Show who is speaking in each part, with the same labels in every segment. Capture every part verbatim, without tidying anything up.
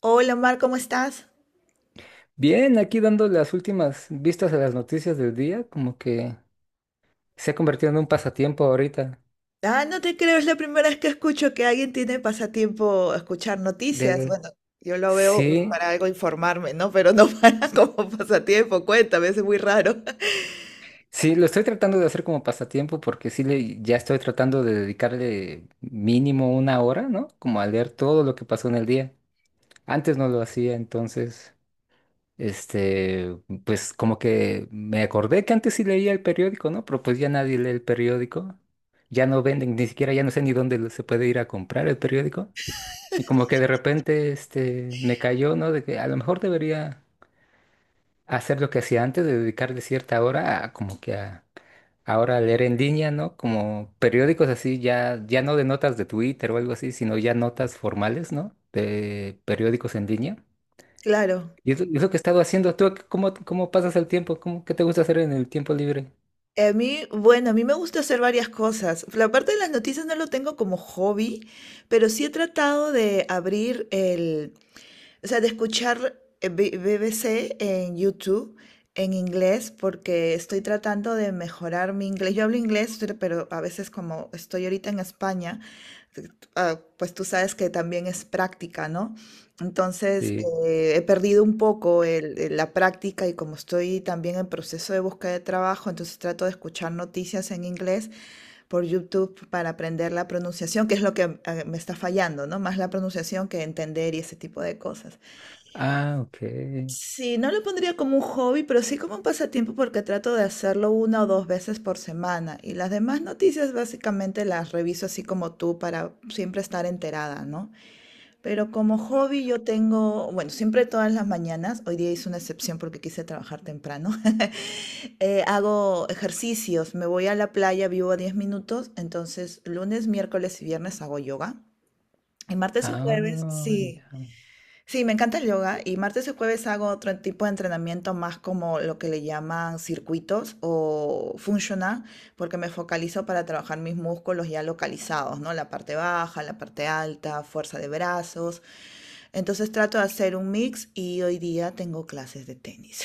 Speaker 1: Hola Mar, ¿cómo estás?
Speaker 2: Bien, aquí dando las últimas vistas a las noticias del día, como que se ha convertido en un pasatiempo ahorita.
Speaker 1: Ah, no te creo, es la primera vez que escucho que alguien tiene pasatiempo escuchar noticias.
Speaker 2: Del...
Speaker 1: Bueno, yo lo veo
Speaker 2: Sí,
Speaker 1: para algo informarme, ¿no? Pero no para como pasatiempo, cuéntame, es muy raro.
Speaker 2: sí, lo estoy tratando de hacer como pasatiempo porque sí le, ya estoy tratando de dedicarle mínimo una hora, ¿no? Como a leer todo lo que pasó en el día. Antes no lo hacía, entonces, este, pues como que me acordé que antes sí leía el periódico, ¿no? Pero pues ya nadie lee el periódico. Ya no venden, ni siquiera ya no sé ni dónde lo- se puede ir a comprar el periódico. Y como que de repente este, me cayó, ¿no? De que a lo mejor debería hacer lo que hacía antes, de dedicarle cierta hora a como que a ahora a leer en línea, ¿no? Como periódicos así, ya, ya no de notas de Twitter o algo así, sino ya notas formales, ¿no? De periódicos en línea.
Speaker 1: Claro.
Speaker 2: Y es, lo es lo que he estado haciendo. ¿Tú qué- cómo, cómo pasas el tiempo? ¿Cómo, qué te gusta hacer en el tiempo libre?
Speaker 1: A mí, bueno, a mí me gusta hacer varias cosas. La parte de las noticias no lo tengo como hobby, pero sí he tratado de abrir el, o sea, de escuchar eh, B- BBC en YouTube en inglés porque estoy tratando de mejorar mi inglés. Yo hablo inglés, pero pero a veces como estoy ahorita en España, eh, ah, pues tú sabes que también es práctica, ¿no? Entonces,
Speaker 2: Sí.
Speaker 1: eh, he perdido un poco el- el- la práctica y como estoy también en proceso de búsqueda de trabajo, entonces trato de escuchar noticias en inglés por YouTube para aprender la pronunciación, que es lo que eh, me está fallando, ¿no? Más la pronunciación que entender y ese tipo de cosas.
Speaker 2: Ah, ok.
Speaker 1: Sí, no lo pondría como un hobby, pero sí como un pasatiempo porque trato de hacerlo una o dos veces por semana. Y las demás noticias básicamente las reviso así como tú para siempre estar enterada, ¿no? Pero como hobby yo tengo, bueno, siempre todas las mañanas, hoy día hice una excepción porque quise trabajar temprano. Eh, hago ejercicios, me voy a la playa, vivo a diez minutos, entonces lunes, miércoles y viernes hago yoga. Y martes y jueves,
Speaker 2: Ah,
Speaker 1: sí.
Speaker 2: ya.
Speaker 1: Sí, me encanta el yoga y martes y jueves hago otro tipo de entrenamiento más como lo que le llaman circuitos o functional, porque me focalizo para trabajar mis músculos ya localizados, ¿no? La parte baja, la parte alta, fuerza de brazos. Entonces trato de hacer un mix y hoy día tengo clases de tenis.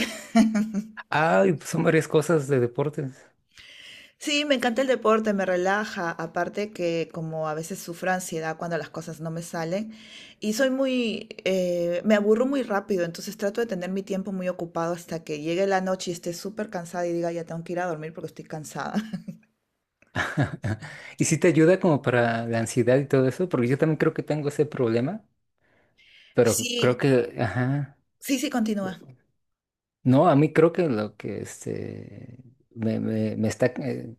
Speaker 2: Ay, pues son varias cosas de deportes.
Speaker 1: Sí, me encanta el deporte, me relaja, aparte que como a veces sufro ansiedad cuando las cosas no me salen y soy muy, eh, me aburro muy rápido, entonces trato de tener mi tiempo muy ocupado hasta que llegue la noche y esté súper cansada y diga ya tengo que ir a dormir porque estoy cansada.
Speaker 2: Y si te ayuda como para la ansiedad y todo eso, porque yo también creo que tengo ese problema, pero creo
Speaker 1: Sí,
Speaker 2: que, ajá,
Speaker 1: sí, sí, continúa.
Speaker 2: no, a mí creo que lo que este, me, me- me está eh,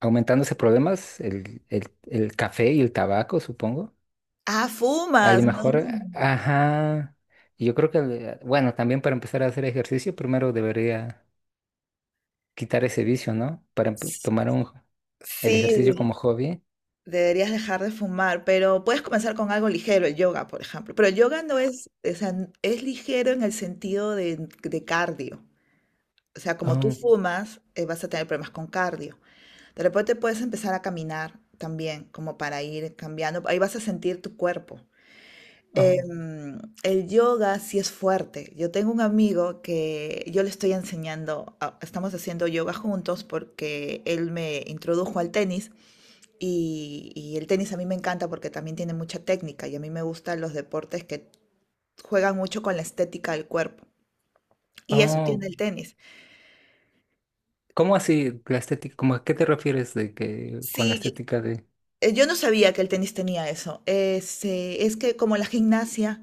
Speaker 2: aumentando ese problema es el, el, el café y el tabaco, supongo.
Speaker 1: Ah,
Speaker 2: A lo
Speaker 1: fumas, ¿no?
Speaker 2: mejor, ajá, y yo creo que, eh, bueno, también para empezar a hacer ejercicio, primero debería quitar ese vicio, ¿no? Para empe- tomar un, el
Speaker 1: Sí,
Speaker 2: ejercicio como hobby.
Speaker 1: deberías dejar de fumar, pero puedes comenzar con algo ligero, el yoga, por ejemplo. Pero el yoga no es, o sea, n- es ligero en el sentido de, de cardio. O sea, como tú
Speaker 2: Oh,
Speaker 1: fumas, eh, vas a tener problemas con cardio. De repente puedes empezar a caminar también, como para ir cambiando. Ahí vas a sentir tu cuerpo.
Speaker 2: oh,
Speaker 1: Em, el yoga sí es fuerte. Yo tengo un amigo que yo le estoy enseñando, a- estamos haciendo yoga juntos porque él me introdujo al tenis y, y el tenis a mí me encanta porque también tiene mucha técnica y a mí me gustan los deportes que juegan mucho con la estética del cuerpo. Y eso tiene,
Speaker 2: oh.
Speaker 1: mm, el tenis.
Speaker 2: ¿Cómo así la estética? ¿Cómo a qué te refieres de que con la
Speaker 1: Sí,
Speaker 2: estética de...
Speaker 1: eh, yo no sabía que el tenis tenía eso. Es, eh, es que como la gimnasia,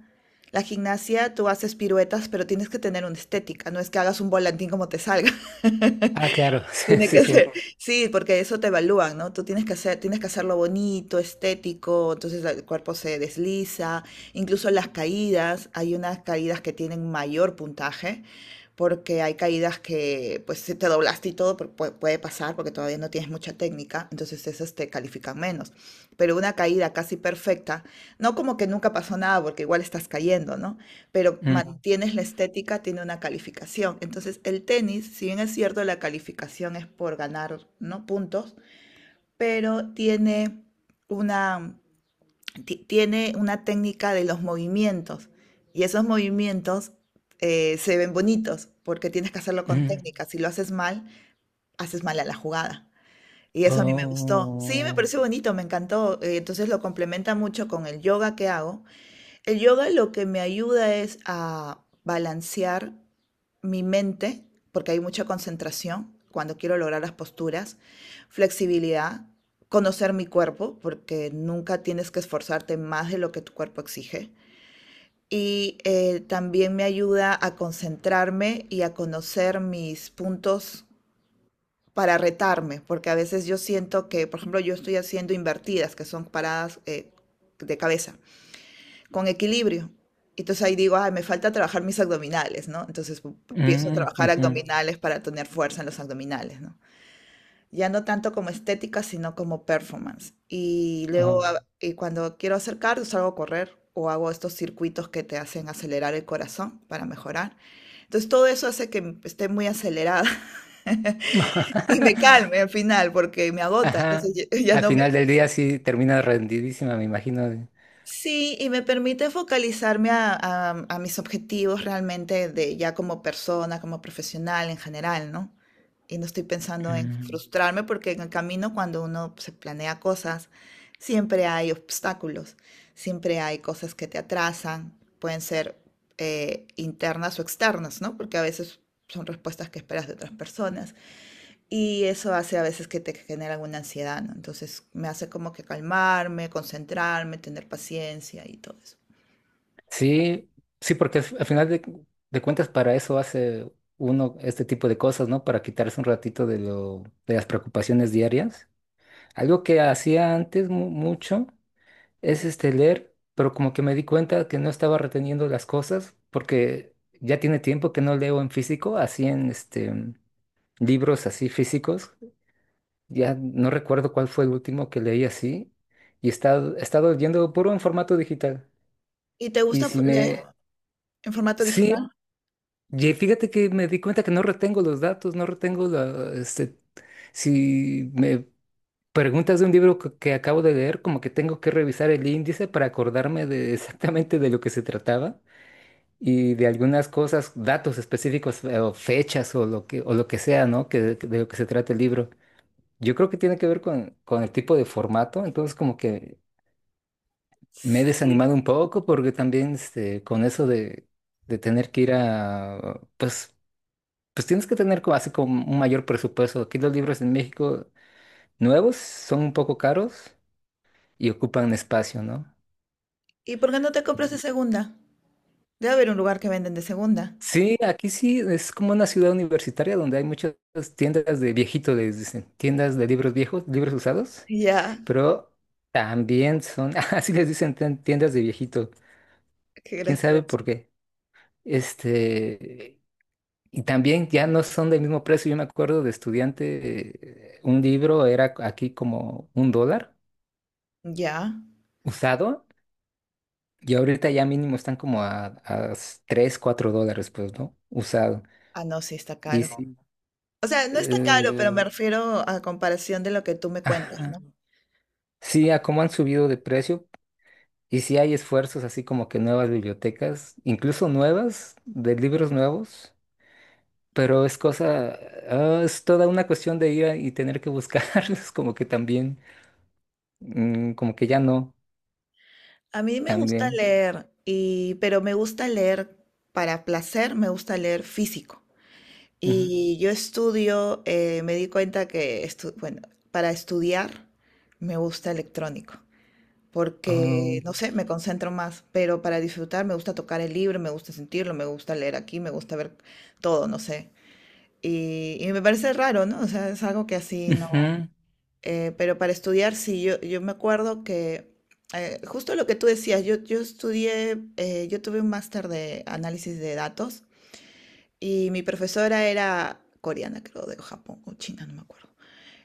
Speaker 1: la gimnasia tú haces piruetas, pero tienes que tener una estética, no es que hagas un volantín como te salga.
Speaker 2: Ah, claro, sí,
Speaker 1: Tiene
Speaker 2: sí,
Speaker 1: que
Speaker 2: sí.
Speaker 1: ser, sí, porque eso te evalúan, ¿no? Tú tienes que hacer, tienes que hacerlo bonito, estético, entonces el cuerpo se desliza, incluso las caídas, hay unas caídas que tienen mayor puntaje porque hay caídas que pues si te doblaste y todo pu- pu- puede pasar porque todavía no tienes mucha técnica, entonces esas te califican menos. Pero una caída casi perfecta, no como que nunca pasó nada porque igual estás cayendo, ¿no? Pero
Speaker 2: Mm,
Speaker 1: mantienes la estética, tiene una calificación. Entonces el tenis, si bien es cierto la calificación es por ganar, ¿no?, puntos, pero tiene una, tiene una técnica de los movimientos y esos movimientos eh, se ven bonitos porque tienes que hacerlo con
Speaker 2: mm,
Speaker 1: técnica. Si lo haces mal, haces mal a la jugada. Y eso a mí me gustó. Sí, me
Speaker 2: oh,
Speaker 1: pareció bonito, me encantó. Eh, Entonces lo complementa mucho con el yoga que hago, el yoga lo que me ayuda es a balancear mi mente, porque hay mucha concentración cuando quiero lograr las posturas, flexibilidad, conocer mi cuerpo, porque nunca tienes que esforzarte más de lo que tu cuerpo exige. Y eh, también me ayuda a concentrarme y a conocer mis puntos para retarme, porque a veces yo siento que, por ejemplo, yo estoy haciendo invertidas, que son paradas eh, de cabeza con equilibrio. Entonces ahí digo, ay, me falta trabajar mis abdominales, ¿no? Entonces pu- empiezo a
Speaker 2: mm,
Speaker 1: trabajar
Speaker 2: ujú,
Speaker 1: abdominales para tener fuerza en los abdominales, ¿no? Ya no tanto como estética, sino como performance. Y luego,
Speaker 2: oh.
Speaker 1: a- y cuando quiero hacer cardio, salgo a correr o hago estos circuitos que te hacen acelerar el corazón para mejorar. Entonces todo eso hace que m- esté muy acelerada y me calme al final porque me agota.
Speaker 2: Ajá.
Speaker 1: Entonces ya ya
Speaker 2: Al
Speaker 1: no.
Speaker 2: final del día sí termina rendidísima, me imagino. de-
Speaker 1: Sí, y me permite focalizarme a, a- a mis objetivos realmente de ya como persona, como profesional en general, ¿no? Y no estoy pensando en
Speaker 2: Mm,
Speaker 1: frustrarme porque en el camino cuando uno se planea cosas, siempre hay obstáculos, siempre hay cosas que te atrasan, pueden ser eh, internas o externas, ¿no? Porque a veces son respuestas que esperas de otras personas. Y eso hace a veces que te genera alguna ansiedad, ¿no? Entonces me hace como que calmarme, concentrarme, tener paciencia y todo eso.
Speaker 2: sí, sí, porque al al final de, de cuentas para eso hace uno este tipo de cosas, ¿no? Para quitarse un ratito de lo, de las preocupaciones diarias. Algo que hacía antes mu- mucho. Es este leer, pero como que me di cuenta que no estaba reteniendo las cosas porque ya tiene tiempo que no leo en físico, así en este mm, libros así físicos. Ya no recuerdo cuál fue el último que leí así y he estado, he estado leyendo puro en formato digital.
Speaker 1: ¿Y te
Speaker 2: Y
Speaker 1: gusta f-
Speaker 2: si
Speaker 1: leer
Speaker 2: me
Speaker 1: en formato
Speaker 2: Sí,
Speaker 1: digital?
Speaker 2: y fíjate que me di cuenta que no retengo los datos, no retengo la este si me preguntas de un libro que, que acabo de leer, como que tengo que revisar el índice para acordarme de exactamente de lo que se trataba. Y de algunas cosas, datos específicos eh, o fechas o lo que, o lo que sea, ¿no? Que, de de lo que se trata el libro. Yo creo que tiene que ver con, con el tipo de formato, entonces como que me he
Speaker 1: Sí.
Speaker 2: desanimado un poco porque también este, con eso de, de, tener que ir a, pues, pues tienes que tener como, así como un mayor presupuesto. Aquí los libros en México nuevos son un poco caros y ocupan espacio, ¿no?
Speaker 1: ¿Y por qué no te compras de segunda? Debe haber un lugar que venden de segunda.
Speaker 2: Sí, aquí sí es como una ciudad universitaria donde hay muchas tiendas de viejitos, les dicen, tiendas de libros viejos, libros usados,
Speaker 1: Ya,
Speaker 2: pero también son, así les dicen, tien- tiendas de viejito,
Speaker 1: qué
Speaker 2: quién sabe por
Speaker 1: gracioso.
Speaker 2: qué. Este, y también ya no son del mismo precio. Yo me acuerdo de estudiante, eh, un libro era aquí como un dólar
Speaker 1: Ya.
Speaker 2: usado, y ahorita ya mínimo están como a, a tres, cuatro dólares, pues, ¿no? Usado.
Speaker 1: Ah, no, sí, está
Speaker 2: Y
Speaker 1: caro.
Speaker 2: sí.
Speaker 1: O sea, no está caro, pero me
Speaker 2: eh,
Speaker 1: refiero a comparación de lo que tú me cuentas, ¿no?
Speaker 2: ajá. Sí, a cómo han subido de precio y sí hay esfuerzos así como que nuevas bibliotecas, incluso nuevas, de libros nuevos, pero es cosa, ah, es toda una cuestión de ir a- y tener que buscarlos, como que también, mm, como que ya no,
Speaker 1: A mí me gusta
Speaker 2: también.
Speaker 1: leer, y, pero me gusta leer para placer, me gusta leer físico.
Speaker 2: Ujú.
Speaker 1: Y yo estudio, eh, me di cuenta que, estu- bueno, para estudiar me gusta electrónico, porque,
Speaker 2: Oh,
Speaker 1: no sé, me concentro más, pero para disfrutar me gusta tocar el libro, me gusta sentirlo, me gusta leer aquí, me gusta ver todo, no sé. Y, y me parece raro, ¿no? O sea, es algo que así no...
Speaker 2: ujú,
Speaker 1: eh, pero para estudiar, sí, yo, yo me acuerdo que, eh, justo lo que tú decías, yo, yo estudié, eh, yo tuve un máster de análisis de datos. Y mi profesora era coreana, creo, de Japón o China, no me acuerdo.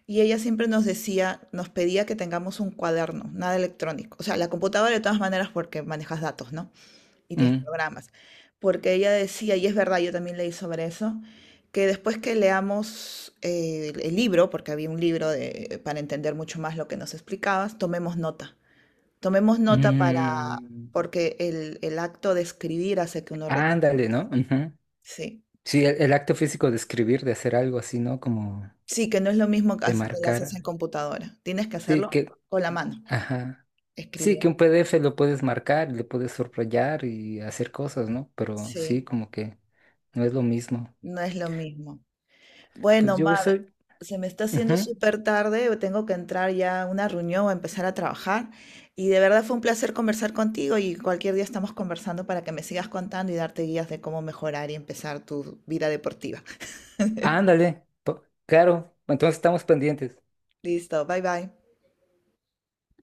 Speaker 1: Y ella siempre nos decía, nos pedía que tengamos un cuaderno, nada electrónico. O sea, la computadora de todas maneras porque manejas datos, ¿no? Y tienes
Speaker 2: mm,
Speaker 1: programas. Porque ella decía, y es verdad, yo también leí sobre eso, que después que leamos eh, el el libro, porque había un libro de- para entender mucho más lo que nos explicabas, tomemos nota. Tomemos nota para, ah,
Speaker 2: mm.
Speaker 1: porque el, el acto de escribir hace que uno retenga
Speaker 2: Ándale,
Speaker 1: más.
Speaker 2: ¿no? Ujú.
Speaker 1: Sí.
Speaker 2: Sí, el, el acto físico de escribir, de hacer algo así, ¿no? Como
Speaker 1: Sí, que no es lo mismo que
Speaker 2: de
Speaker 1: hace- que lo, claro, haces en
Speaker 2: marcar.
Speaker 1: computadora. Tienes que
Speaker 2: Sí,
Speaker 1: hacerlo
Speaker 2: que,
Speaker 1: con la mano,
Speaker 2: ajá. Sí, que
Speaker 1: escribiendo.
Speaker 2: un P D F lo puedes marcar, y lo puedes subrayar y hacer cosas, ¿no? Pero sí,
Speaker 1: Sí,
Speaker 2: como que no es lo mismo.
Speaker 1: no es lo mismo.
Speaker 2: Pues
Speaker 1: Bueno,
Speaker 2: yo
Speaker 1: Mar,
Speaker 2: soy...
Speaker 1: se me está haciendo
Speaker 2: Ujú.
Speaker 1: súper tarde, tengo que entrar ya a una reunión o empezar a trabajar. Y de verdad fue un placer conversar contigo y cualquier día estamos conversando para que me sigas contando y darte guías de cómo mejorar y empezar tu vida deportiva.
Speaker 2: Ándale, po- claro, entonces estamos pendientes.
Speaker 1: Listo, bye bye.